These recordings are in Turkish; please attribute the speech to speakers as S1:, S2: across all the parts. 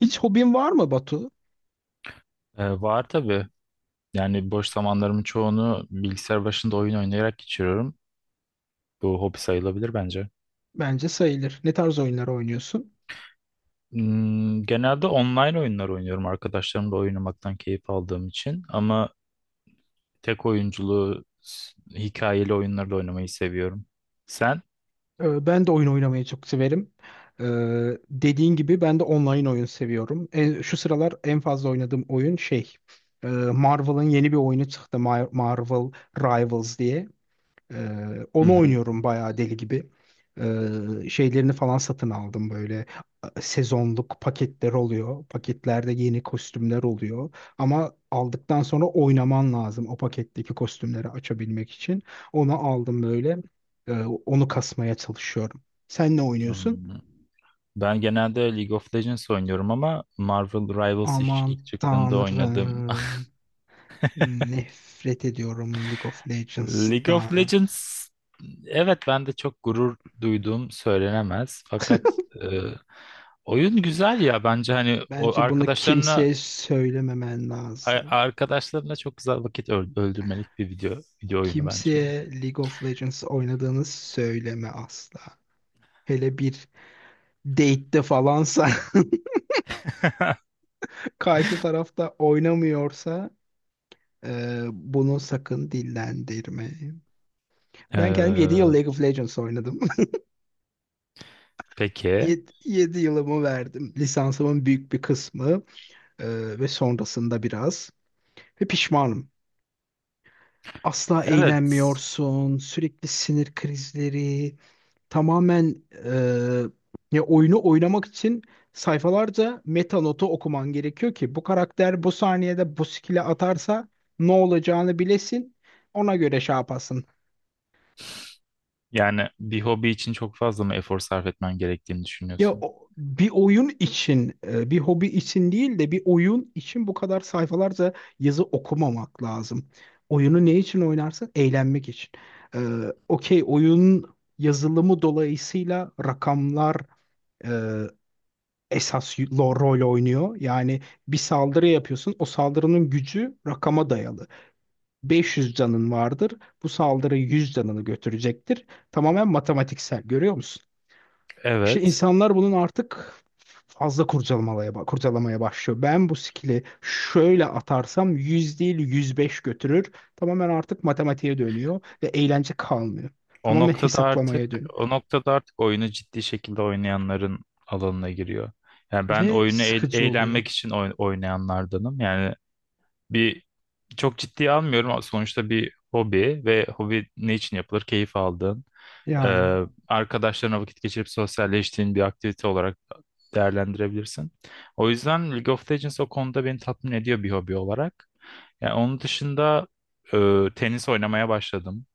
S1: Hiç hobin var mı, Batu?
S2: Var tabii. Yani boş zamanlarımın çoğunu bilgisayar başında oyun oynayarak geçiriyorum. Bu hobi sayılabilir bence.
S1: Bence sayılır. Ne tarz oyunlar oynuyorsun?
S2: Genelde online oyunlar oynuyorum arkadaşlarımla oynamaktan keyif aldığım için. Ama tek oyunculuğu hikayeli oyunları da oynamayı seviyorum. Sen?
S1: Ben de oyun oynamayı çok severim. Ee, Dediğin gibi ben de online oyun seviyorum. Şu sıralar en fazla oynadığım oyun şey. Marvel'ın yeni bir oyunu çıktı. Marvel Rivals diye.
S2: Hı
S1: Onu
S2: hı.
S1: oynuyorum bayağı deli gibi. Şeylerini falan satın aldım böyle, sezonluk paketler oluyor. Paketlerde yeni kostümler oluyor. Ama aldıktan sonra oynaman lazım o paketteki kostümleri açabilmek için. Onu aldım böyle. Ee, Onu kasmaya çalışıyorum. Sen ne oynuyorsun?
S2: Hmm, Ben genelde League of Legends oynuyorum ama Marvel Rivals ilk
S1: Aman
S2: ilk çıktığında oynadım.
S1: Tanrım. Nefret ediyorum League of
S2: League of
S1: Legends'tan.
S2: Legends, evet, ben de çok gurur duyduğum söylenemez. Fakat oyun güzel ya, bence hani o
S1: Bence bunu
S2: arkadaşlarına
S1: kimseye söylememen lazım.
S2: arkadaşlarına çok güzel vakit öldürmelik bir video oyunu bence.
S1: Kimseye League of Legends oynadığını söyleme asla. Hele bir date'te falansa karşı tarafta oynamıyorsa, bunu sakın dillendirme. Ben kendim 7 yıl
S2: Ee,
S1: League of Legends oynadım.
S2: peki.
S1: 7 yılımı verdim. Lisansımın büyük bir kısmı ve sonrasında biraz. Ve pişmanım. Asla
S2: Evet.
S1: eğlenmiyorsun. Sürekli sinir krizleri. Tamamen, ya, oyunu oynamak için sayfalarca meta notu okuman gerekiyor ki bu karakter bu saniyede bu skill'i atarsa ne olacağını bilesin. Ona göre şey yapasın.
S2: Yani bir hobi için çok fazla mı efor sarf etmen gerektiğini
S1: Ya
S2: düşünüyorsun?
S1: bir oyun için, bir hobi için değil de bir oyun için bu kadar sayfalarca yazı okumamak lazım. Oyunu ne için oynarsın? Eğlenmek için. E, Okey, oyun yazılımı dolayısıyla rakamlar esas rol oynuyor. Yani bir saldırı yapıyorsun. O saldırının gücü rakama dayalı. 500 canın vardır. Bu saldırı 100 canını götürecektir. Tamamen matematiksel görüyor musun? İşte
S2: Evet.
S1: insanlar bunun artık fazla kurcalamaya başlıyor. Ben bu skill'i şöyle atarsam 100 değil 105 götürür. Tamamen artık matematiğe dönüyor ve eğlence kalmıyor.
S2: O
S1: Tamamen
S2: noktada artık
S1: hesaplamaya dönüyor.
S2: o noktada artık oyunu ciddi şekilde oynayanların alanına giriyor. Yani ben
S1: Ve
S2: oyunu
S1: sıkıcı oluyor.
S2: eğlenmek için oynayanlardanım. Yani bir çok ciddiye almıyorum. Sonuçta bir hobi, ve hobi ne için yapılır? Keyif aldığın, e,
S1: Yani,
S2: arkadaşlarına vakit geçirip sosyalleştiğin bir aktivite olarak değerlendirebilirsin. O yüzden League of Legends o konuda beni tatmin ediyor bir hobi olarak. Yani onun dışında tenis oynamaya başladım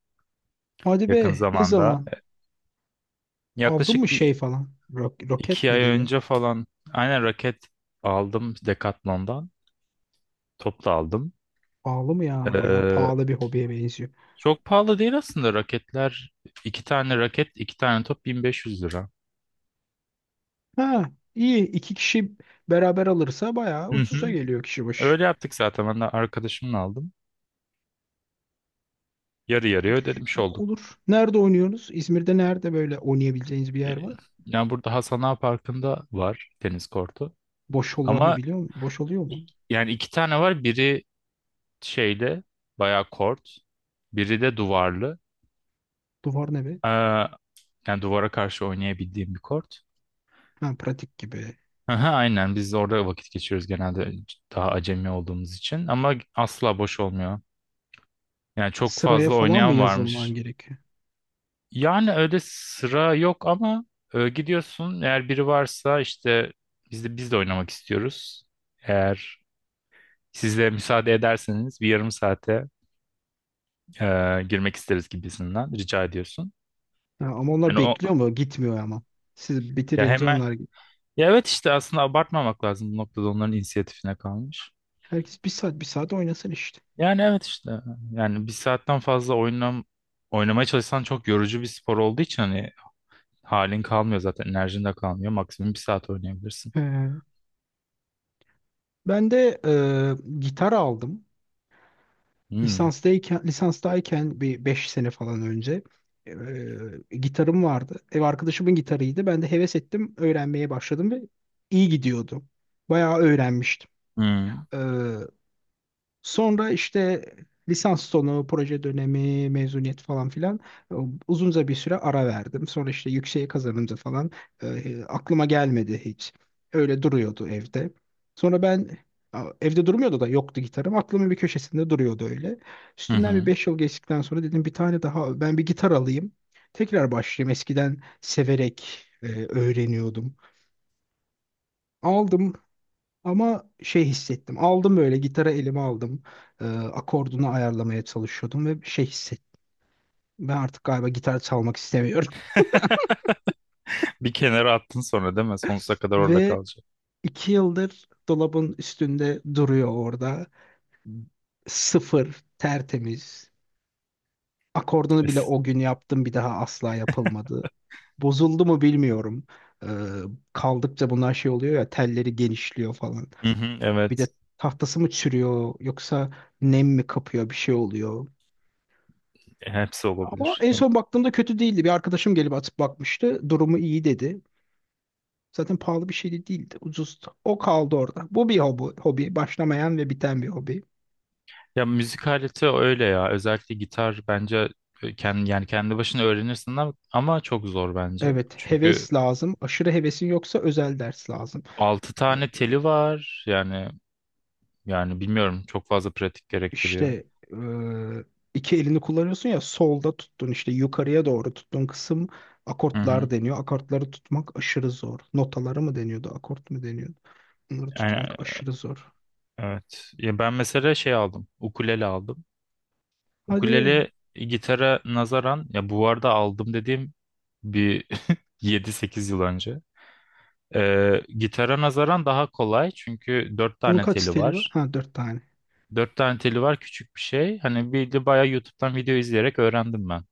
S1: hadi
S2: yakın
S1: be, ne
S2: zamanda.
S1: zaman? Aldın mı
S2: Yaklaşık
S1: şey
S2: bir.
S1: falan? Roket
S2: İki
S1: mi
S2: ay
S1: deniyor?
S2: önce falan, aynen, raket aldım Decathlon'dan. Top da aldım.
S1: Pahalı mı ya? Bayağı
S2: Ee,
S1: pahalı bir hobiye benziyor.
S2: çok pahalı değil aslında raketler. İki tane raket, iki tane top 1.500 lira.
S1: Ha, iyi. İki kişi beraber alırsa bayağı
S2: Hı
S1: ucuza
S2: hı.
S1: geliyor kişi başı.
S2: Öyle yaptık zaten. Ben de arkadaşımla aldım. Yarı yarıya ödemiş olduk.
S1: Olur. Nerede oynuyoruz? İzmir'de nerede böyle oynayabileceğiniz bir yer
S2: Ee,
S1: var?
S2: Yani burada Hasan Ağa Parkı'nda var tenis kortu.
S1: Boş olamıyor
S2: Ama
S1: biliyor musun? Boş oluyor mu?
S2: yani iki tane var. Biri şeyle bayağı kort. Biri de duvarlı.
S1: Duvar ne be?
S2: Ee, yani duvara karşı oynayabildiğim bir kort.
S1: Ha, pratik gibi.
S2: Aha, aynen, biz orada vakit geçiriyoruz genelde daha acemi olduğumuz için, ama asla boş olmuyor. Yani çok
S1: Sıraya
S2: fazla
S1: falan mı
S2: oynayan
S1: yazılman
S2: varmış.
S1: gerekiyor?
S2: Yani öyle sıra yok ama gidiyorsun, eğer biri varsa işte biz de oynamak istiyoruz. Eğer siz de müsaade ederseniz bir yarım saate e, girmek isteriz gibisinden rica ediyorsun.
S1: Ha, ama onlar
S2: Yani o,
S1: bekliyor mu? Gitmiyor ama. Siz
S2: ya
S1: bitirince
S2: hemen,
S1: onlar...
S2: ya, evet işte, aslında abartmamak lazım, bu noktada onların inisiyatifine kalmış.
S1: Herkes bir saat bir saat oynasın işte.
S2: Yani evet işte, yani bir saatten fazla oynamaya çalışsan çok yorucu bir spor olduğu için hani halin kalmıyor, zaten enerjin de kalmıyor. Maksimum bir saat oynayabilirsin.
S1: He. Ben de gitar aldım.
S2: Hmm.
S1: Lisanstayken, bir 5 sene falan önce gitarım vardı. Ev arkadaşımın gitarıydı. Ben de heves ettim, öğrenmeye başladım ve iyi gidiyordu. Bayağı öğrenmiştim.
S2: Hmm.
S1: Sonra işte lisans sonu, proje dönemi, mezuniyet falan filan, e, uzunca bir süre ara verdim. Sonra işte yükseğe kazanınca falan, aklıma gelmedi hiç. Öyle duruyordu evde. Sonra evde durmuyordu da, yoktu gitarım. Aklımın bir köşesinde duruyordu öyle.
S2: Hı
S1: Üstünden bir
S2: hı.
S1: 5 yıl geçtikten sonra dedim, bir tane daha ben bir gitar alayım. Tekrar başlayayım. Eskiden severek öğreniyordum. Aldım ama şey hissettim. Aldım, böyle gitarı elime aldım. Akordunu ayarlamaya çalışıyordum ve şey hissettim. Ben artık galiba gitar çalmak istemiyorum.
S2: Bir kenara attın sonra, değil mi? Sonsuza kadar orada
S1: Ve
S2: kalacak.
S1: 2 yıldır dolabın üstünde duruyor orada. Sıfır, tertemiz. Akordunu bile
S2: Es-
S1: o gün yaptım, bir daha asla yapılmadı. Bozuldu mu bilmiyorum. Ee, Kaldıkça bunlar şey oluyor ya, telleri genişliyor falan.
S2: Hı hı,
S1: Bir
S2: evet.
S1: de tahtası mı çürüyor yoksa nem mi kapıyor, bir şey oluyor.
S2: Hepsi
S1: Ama
S2: olabilir.
S1: en son baktığımda kötü değildi. Bir arkadaşım gelip atıp bakmıştı. Durumu iyi dedi. Zaten pahalı bir şey de değildi. Ucuzdu. O kaldı orada. Bu bir hobi, hobi. Başlamayan ve biten bir hobi.
S2: Ya, müzik aleti öyle ya. Özellikle gitar bence kendi, yani kendi başına öğrenirsin ama çok zor bence.
S1: Evet,
S2: Çünkü
S1: heves lazım. Aşırı hevesin yoksa özel ders lazım.
S2: 6
S1: Ee,
S2: tane teli var. Yani, yani bilmiyorum, çok fazla pratik gerektiriyor.
S1: İşte, eee, iki elini kullanıyorsun ya, solda tuttun işte yukarıya doğru tuttun kısım
S2: Hı
S1: akortlar
S2: hı.
S1: deniyor. Akortları tutmak aşırı zor. Notaları mı deniyordu, akort mu deniyordu? Bunları
S2: Yani,
S1: tutmak aşırı zor.
S2: evet. Ya ben mesela şey aldım. Ukulele aldım.
S1: Hadi be.
S2: Ukulele gitara nazaran, ya bu arada aldım dediğim bir 7-8 yıl önce. Gitara nazaran daha kolay, çünkü 4
S1: Bunun
S2: tane
S1: kaç
S2: teli
S1: steli var?
S2: var.
S1: Ha, dört tane.
S2: 4 tane teli var, küçük bir şey. Hani, bir de bayağı YouTube'dan video izleyerek öğrendim ben.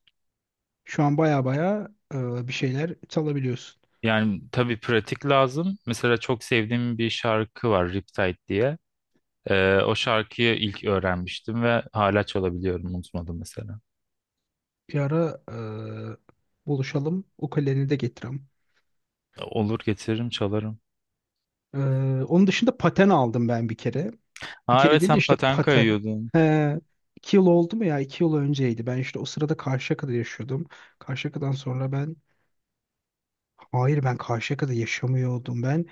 S1: Şu an baya baya bir şeyler çalabiliyorsun.
S2: Yani tabii pratik lazım. Mesela çok sevdiğim bir şarkı var, Riptide diye. O şarkıyı ilk öğrenmiştim ve hala çalabiliyorum. Unutmadım mesela.
S1: Bir ara buluşalım. Ukuleleni de getireyim.
S2: Olur, getiririm, çalarım.
S1: E, Onun dışında paten aldım ben bir kere. Bir
S2: Aa,
S1: kere
S2: evet,
S1: değil de
S2: sen
S1: işte,
S2: paten
S1: paten.
S2: kayıyordun.
S1: He, 2 yıl oldu mu ya? 2 yıl önceydi. Ben işte o sırada Karşıyaka'da yaşıyordum. Karşıyaka'dan sonra ben... Hayır, ben Karşıyaka'da yaşamıyordum. Ben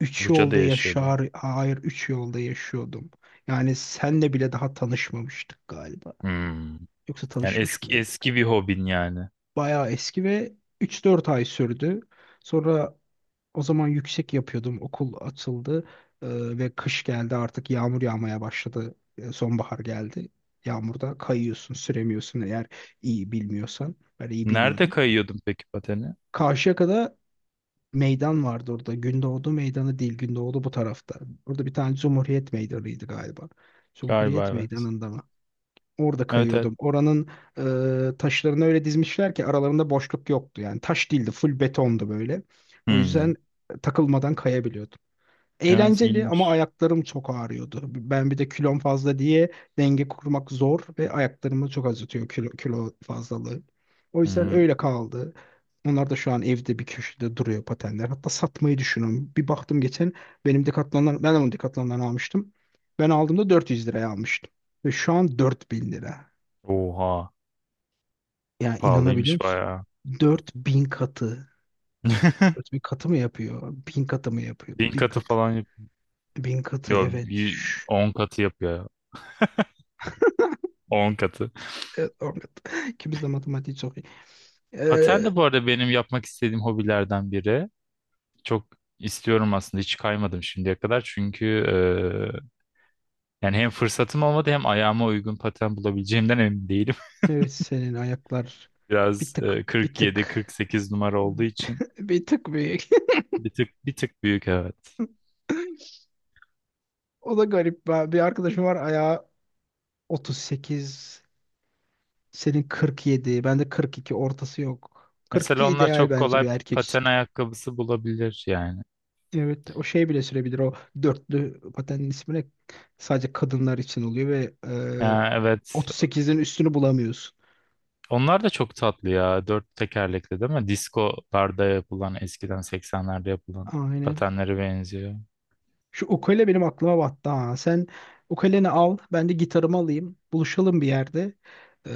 S1: üç
S2: Buca'da
S1: yolda
S2: yaşıyordun.
S1: yaşar... Hayır, üç yolda yaşıyordum. Yani senle bile daha tanışmamıştık galiba.
S2: Hmm.
S1: Yoksa
S2: Yani
S1: tanışmış
S2: eski
S1: mıydık?
S2: eski bir hobin yani.
S1: Bayağı eski ve 3-4 ay sürdü. Sonra, o zaman yüksek yapıyordum. Okul açıldı ve kış geldi, artık yağmur yağmaya başladı. Sonbahar geldi. Yağmurda kayıyorsun, süremiyorsun eğer iyi bilmiyorsan. Ben iyi
S2: Nerede
S1: bilmiyordum.
S2: kayıyordun peki pateni?
S1: Karşıyaka'da meydan vardı orada. Gündoğdu Meydanı değil, Gündoğdu bu tarafta. Orada bir tane Cumhuriyet Meydanı'ydı galiba.
S2: Galiba
S1: Cumhuriyet
S2: evet.
S1: Meydanı'nda mı? Orada
S2: Evet, evet.
S1: kayıyordum. Oranın taşlarını öyle dizmişler ki aralarında boşluk yoktu. Yani taş değildi, full betondu böyle. O
S2: Hmm.
S1: yüzden takılmadan kayabiliyordum.
S2: Evet,
S1: Eğlenceli ama
S2: iyiymiş.
S1: ayaklarım çok ağrıyordu. Ben bir de kilom fazla diye denge kurmak zor ve ayaklarımı çok acıtıyor, kilo fazlalığı. O yüzden
S2: Hmm.
S1: öyle kaldı. Onlar da şu an evde bir köşede duruyor, patenler. Hatta satmayı düşünüyorum. Bir baktım geçen, ben onu Decathlon'dan almıştım. Ben aldığımda 400 liraya almıştım. Ve şu an 4000 lira.
S2: Oha.
S1: Ya, inanabiliyor
S2: Pahalıymış
S1: musun?
S2: bayağı.
S1: 4000 katı. 4000 katı mı yapıyor? 1000 katı mı yapıyor?
S2: Bin
S1: 1000
S2: katı
S1: katı.
S2: falan yap.
S1: 1000 katı
S2: Yo,
S1: evet.
S2: bir
S1: Şşş.
S2: 10 katı yapıyor. On katı.
S1: Evet, Ahmet. İkimiz de matematiği çok iyi. Ee,
S2: Paten de bu arada benim yapmak istediğim hobilerden biri. Çok istiyorum aslında, hiç kaymadım şimdiye kadar çünkü yani hem fırsatım olmadı, hem ayağıma uygun paten bulabileceğimden emin değilim.
S1: evet, senin ayaklar bir
S2: Biraz
S1: tık bir
S2: 47
S1: tık
S2: 48 numara olduğu için
S1: bir tık büyük.
S2: bir tık bir tık büyük, evet.
S1: O da garip. Ben, bir arkadaşım var ayağı 38. Senin 47. Bende 42 ortası yok. 42
S2: Mesela onlar
S1: ideal
S2: çok
S1: bence
S2: kolay
S1: bir erkek.
S2: paten ayakkabısı bulabilir yani.
S1: Evet, o şey bile sürebilir. O dörtlü patenin ismi ne? Sadece kadınlar için oluyor ve
S2: Ya, evet.
S1: 38'in üstünü bulamıyorsun.
S2: Onlar da çok tatlı ya. Dört tekerlekli, değil mi? Diskolarda yapılan, eskiden 80'lerde yapılan
S1: Aynen.
S2: patenlere benziyor.
S1: Şu ukule benim aklıma battı ha. Sen ukuleni al, ben de gitarımı alayım. Buluşalım bir yerde. E,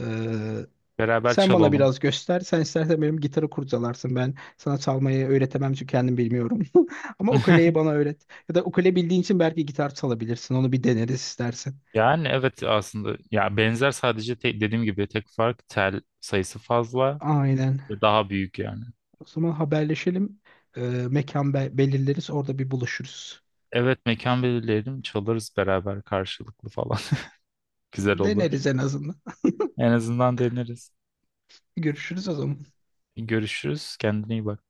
S2: Beraber
S1: Sen bana
S2: çalalım.
S1: biraz göster. Sen istersen benim gitarı kurcalarsın. Ben sana çalmayı öğretemem çünkü kendim bilmiyorum. Ama ukuleyi bana öğret. Ya da ukule bildiğin için belki gitar çalabilirsin. Onu bir deneriz istersen.
S2: Yani evet aslında, ya benzer, sadece dediğim gibi tek fark tel sayısı fazla
S1: Aynen.
S2: ve daha büyük yani.
S1: O zaman haberleşelim. Ee, mekan belirleriz. Orada bir buluşuruz.
S2: Evet, mekan belirleyelim, çalarız beraber karşılıklı falan. Güzel olur.
S1: Deneriz en azından.
S2: En azından deneriz.
S1: Görüşürüz o zaman.
S2: Görüşürüz. Kendine iyi bak.